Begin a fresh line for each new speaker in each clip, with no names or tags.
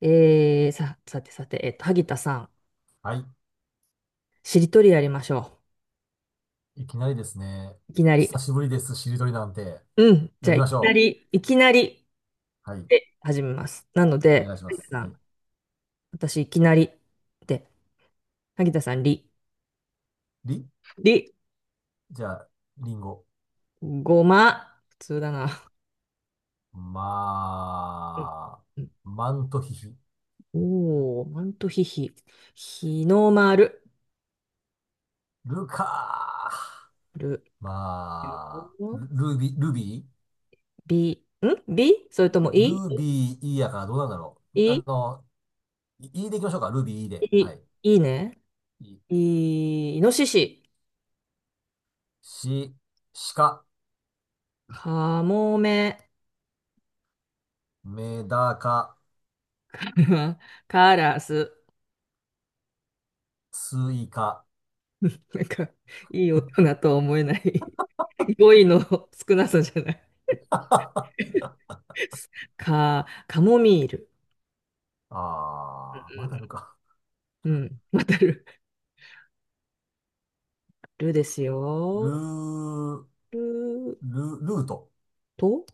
さてさて、萩田さん、
はい。
しりとりやりましょ
いきなりですね。
う。いきなり。
久しぶりです、しりとりなんて。
うん。じ
や
ゃあ、
り
い
まし
きな
ょ
り、いきなり
う。はい。
で始めます。なの
お
で、
願いしま
萩田
す。
さ
は
ん、
い。
私、いきなりで、萩田さん、り、
り、
り、
じゃあ、りんご。
ごま、普通だな。うん
まあ、
うん
マントヒヒ。
おー、マントヒヒ、日の丸、
ルカー。
る、
まあ、ルルビ、ルビ
び、んびそれとも、い、
ールビーいいやからどうなんだろう。
い、い、
いいでいきましょうか。ルビーいいで。は
い
い。
いいね。
い、
い、イノシシ、
し、しか、
かもめ、
メダカ、
カラス。
スイカ。
なんか、いい大人とは思えない 語彙の少なさじゃない。
あ
か、カモミール。
あ、まだあるか。
うん、うんわかる。ルです
ル
よ。
ー、
る
ル、ルート、
と、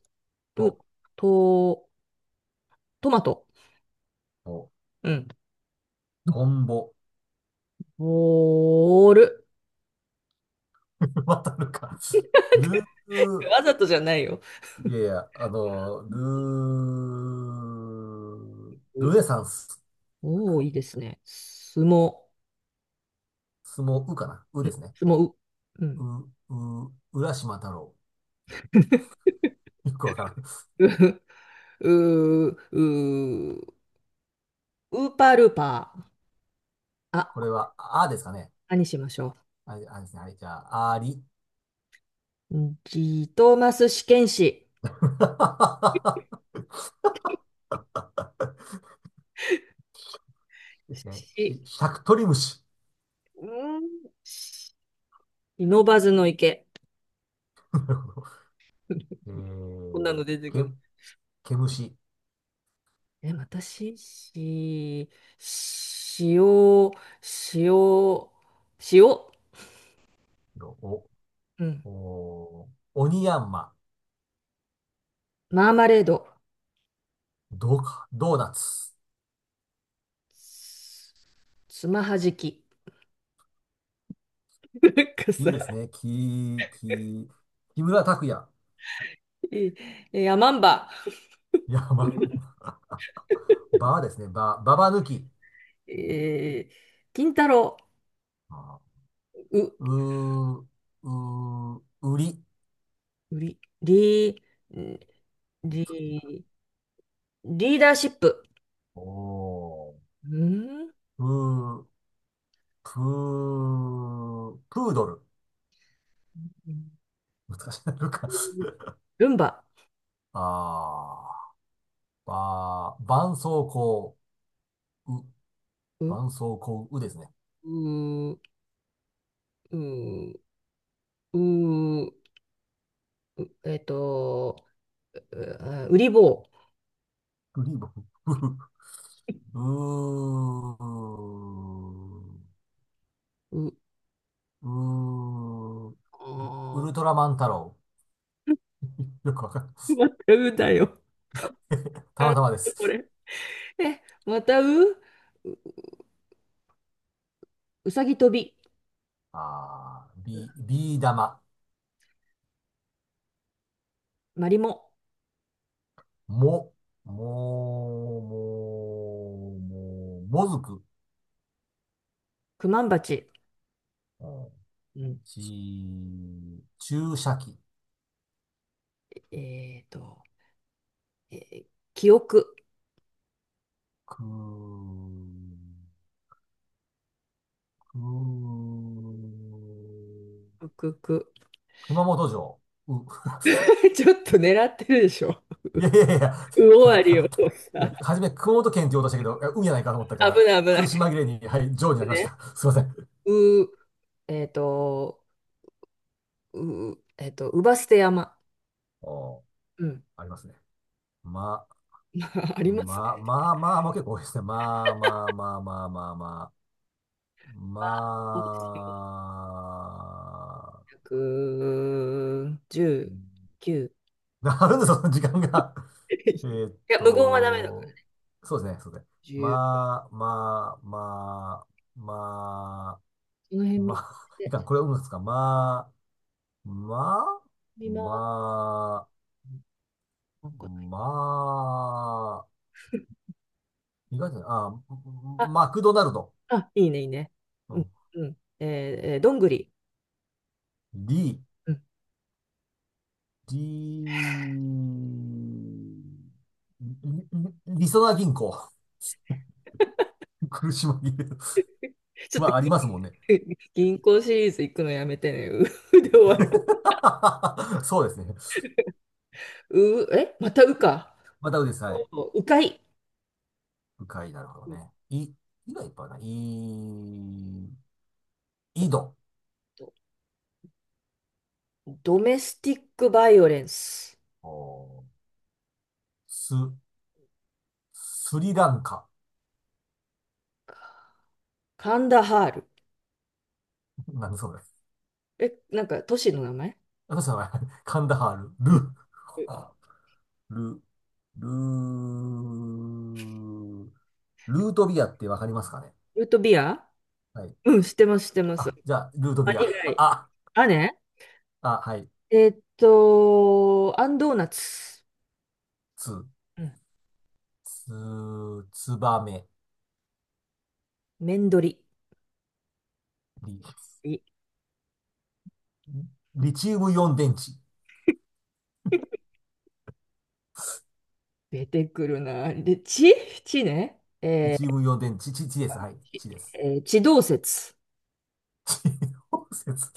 る
と、
と、トマト。
と、
うん。
トンボ。
ボール。
またるか。ルー、
わざとじゃないよ。
いやいや、ルー、
う
ルネサンス、
おー、いいですね。すも、
相撲、うかな。うですね。
すも、う。うん。
う、う、浦島太郎。よくわからん。
う、う、う、うウーパールーパー。
こ
あ
れは、あですかね。
何しましょ
あ、あですね。はい、じゃあ、あり。
う。うんジトーマス試験紙。
ですね。し、
し、
しゃくとり虫。
うん、し不忍ばずの池。
なるほど。え
こんな
ー、
の出て
け、
くる。
毛虫。
え、私、し、塩、塩、塩、
お、
うん。
お、おにやんま。
マーマレード。
どうか、ドーナツ。
つつまはじき。なんか
いい
さ、
ですね。き、き、木村拓哉。
えー、えマンバ。
いや、まんまバーですね。バー、ババ抜き。
えー、金太郎。
あ
う、
ーうー、うー、売り。
り、り、り、リーダーシップ。
おー。
うん
うー、プー、プードル。難しいな、なか。
ルンバ。
あー、ばー、絆創膏、う、
うん、
絆創膏、うですね。
うーん、うーん、うーんえっと、うあウリボ
グリーブ、う、うー、
ウ。う、
うーん、ウ
あ
ルトラマン太郎。よくわかんない。
ーまたうだよ、
たまたまで
こ
す。
れ。え、またう、う、うさぎ跳び、
あー、ビ、ビー玉。
マリモ、
も、も、も、も、もずく。
クマンバチ。
うん、
うん、
ち、注射器。
えっと、えー記憶、
く、く、
くく。
熊本城。う、
ちょっと狙ってるでしょ。
いやいやいやいや、
う終わりを
い
さ、
や、初め熊本県って言おうとしたけど、いや運やないかと思ったか
危
ら、
ない危な
苦し
い。
紛れに、はい、城になりまし
ね、
た。すいません。
う、えっと、う、うばすて山。
おー、
うん
ありますね。ま、
あります
ま、ま
ね。
まあまあも結構多いですね。まあまあまあまあまあまあ。ま
あ、そうですよ。119。
あ、なるんですよ、その時間が。えーっ
いや、無言はダメだから。
と、そうですね、そうですね。
じゅう
まあ、まあ、まあ、ま
その
あ、
辺見
まあ、い
て、
かん、これはうんですか。まあ、まあ、
見回す。
まあ、
なんか
まあ、意外とね、あ、
あ、
マクドナルド。
あ、いいね、いいね。
う
うん、
ん、
うん。えー、えーどんぐり。
リ、
うん。
D、り、り、りそな銀行。苦し紛れる。
ち ょっ
ま
と
あ、ありますもんね。
銀銀行シリーズ行くのやめてね。うう で終わる。
そうですね。
う、え、またうか。
またうです。はい。
うかい。
深い、なるほど
うん
ね。い、いがいっぱいあるな。い、井戸。
とドメスティックバイオレンス。
おー、す、スリランカ。
カンダハール。
なんでそうです。
え、なんか都市の名前
私の名前、カンダハー
うん
ル、ル、ル、ル、ルートビアってわかりますかね。
ルートビア
はい。
うん、知ってます、知ってます。あ、
あ、じゃあ、ルートビア。
以 外。
あ、
あね。
あ、はい。
アンドーナツ。
つ、
うん。
つ、つばめ、
麺り
リ、
い
リチウムイオン電池。
出てくるな。で、地地ね。
リチウムイオン電池、ち、ちです。はい。
ち
ちです。
えー、地動説。
地動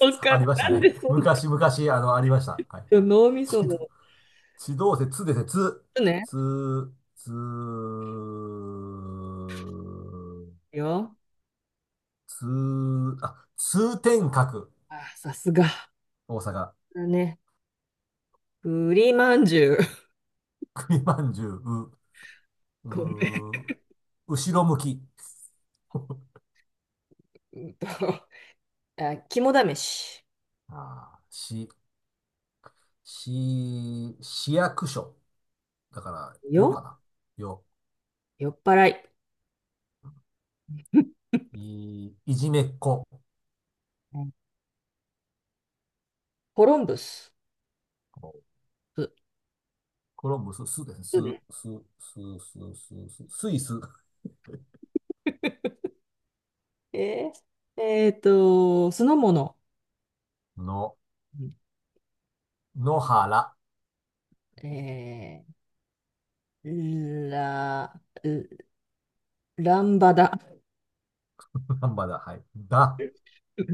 おっか
ありました
なん
ね。
でそん
昔、昔、ありました。はい。
な脳みそ
地動、
の。
地動説、つですね。つ、
ちね。
つ、つ、
よ。
つ、あ、通天閣。
あ、さすが。
大阪。
だね。栗まんじゅう。
栗まんじゅう、
ごめ
う、う、後ろ向き。
ん。うんと、あ、肝試し。
ああ、し、市、役所。だから、
よ。
よかな。よ。
酔っ払い。
い、いじめっ子。
うんコロンブス。う
コロンブス、すですね。す、
うね。
す、す、す、スイス
え酢の物。
の、
うん
野原。
えー、ラ、ランバダ。
なんだ。はい。だ。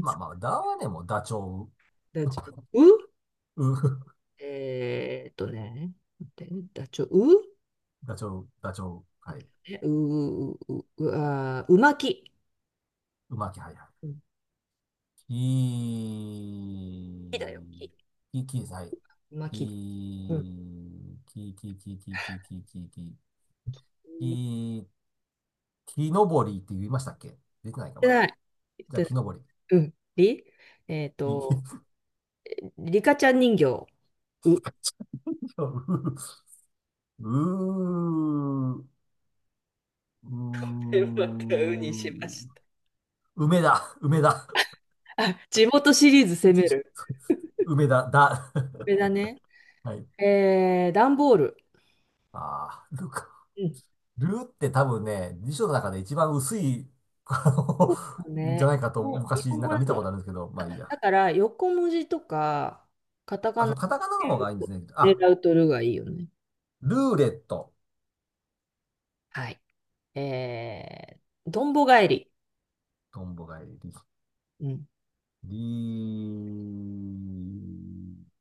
まあま あ、ダはね、もダチョ
ダチョウ。
ウ。う、
えーとね、待ってダチョウ。
ダチョウ、ダチョウ。
待
はい。
ってねう、う、う、う、あー、うまき。
うまき、はい、は
うん
い。
木だよ、木。
き、き、き、はい。
うまき。うん。
き、き、き、き、き、き、き、き、き、き、
言っ
き、木登りって言いましたっけ。出てないか、
て
まだ。
ない。言っ
じゃあ、
てな
木
い。
登
うん。りえー
り。
と、
木、
リカちゃん人形。う。
うー、う
またうにしま
ー、
した。
梅だ、梅だ、
あ、地元シリーズ攻める。
梅だ、だ。
これだ ね。
はい。
段ボール。
あー、ルか。
う
ルって多分ね、辞書の中で一番薄い、あ
ん。
の、じゃ
ね。
ないかと
日
昔
本
なん
語
か
だ
見たこ
と。
とあるんですけど、まあいいや。
だから、横文字とか、カタカ
あ、
ナ
そう、カタカナの方がいいんで
を
すね。あ、
狙うとるがいいよね。
ルーレット。
はい。えどんぼ返り。
トンボがいり。
うん。
リー、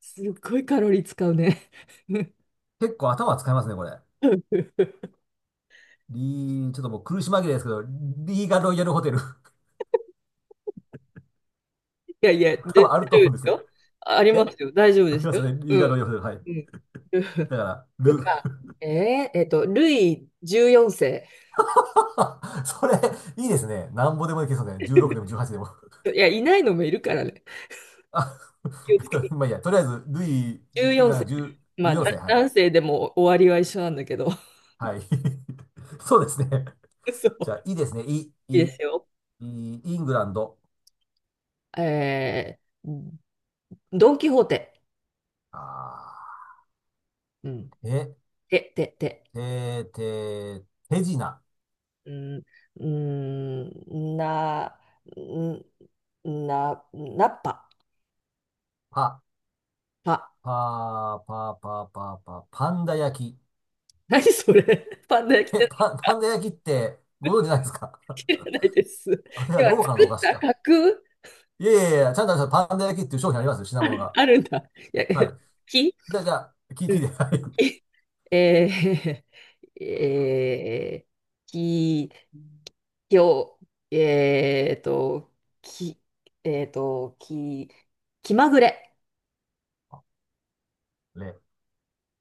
すっごいカロリー使うね。
結構頭使いますね、これ。
い
リー、ちょっともう苦し紛れですけど、リーガロイヤルホテル。
やいや、で
多
大丈
分あると思う
夫で
んで
す
すね。
よ。ああり
え、
ますよ。大丈夫
あ
で
り
す
ます
よ。
よね。リー
う
ガ
ん。
ロイヤルホテル。は
う
い。
ん。
だ から、
よ
ル。
か、ルイ14世。
それ、いいですね。なんぼでもいけそうですね。16でも18でも。
いや、いないのもいるからね。
あ、
気をつけ。
まあいいや。とりあえず、ルイ、だか
14
ら10、
まあ、だ
14世。はい。
男性でも終わりは一緒なんだけど。
はい。そうですね。
そう。
じゃあ、いいですね。い、い、
いいで
い、
すよ。
イングランド。
えー、ドン・キホーテ。
あ
うん。
ー、え、
て、て、て。
て、て、手品。
うん、うんな、んな、なっぱ、
パ、
ぱ。
パー、パー、パー、パー、パー、パンダ焼き。
何それパンダ焼きっ
え、
て
パ、パンダ焼きって、ご存知ないですか？
知 らないです。
あれは
要は
ローカル
作
のお
っ
菓子
た
か。
架空
いやいやいや、ちゃんとあのパンダ焼きっていう商品ありますよ、品物が。
あるんだ。いや、
はい。
木
じゃあ、じゃあ、聞い
うん
て、はい。
木えき、きょ、えーと、き、き、気まぐれ。
レ、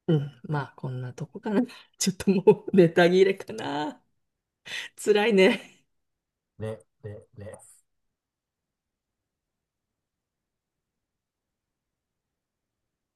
うん、まあ、こんなとこかな。ちょっともう ネタ切れかな。辛いね。
レ、レ、レ。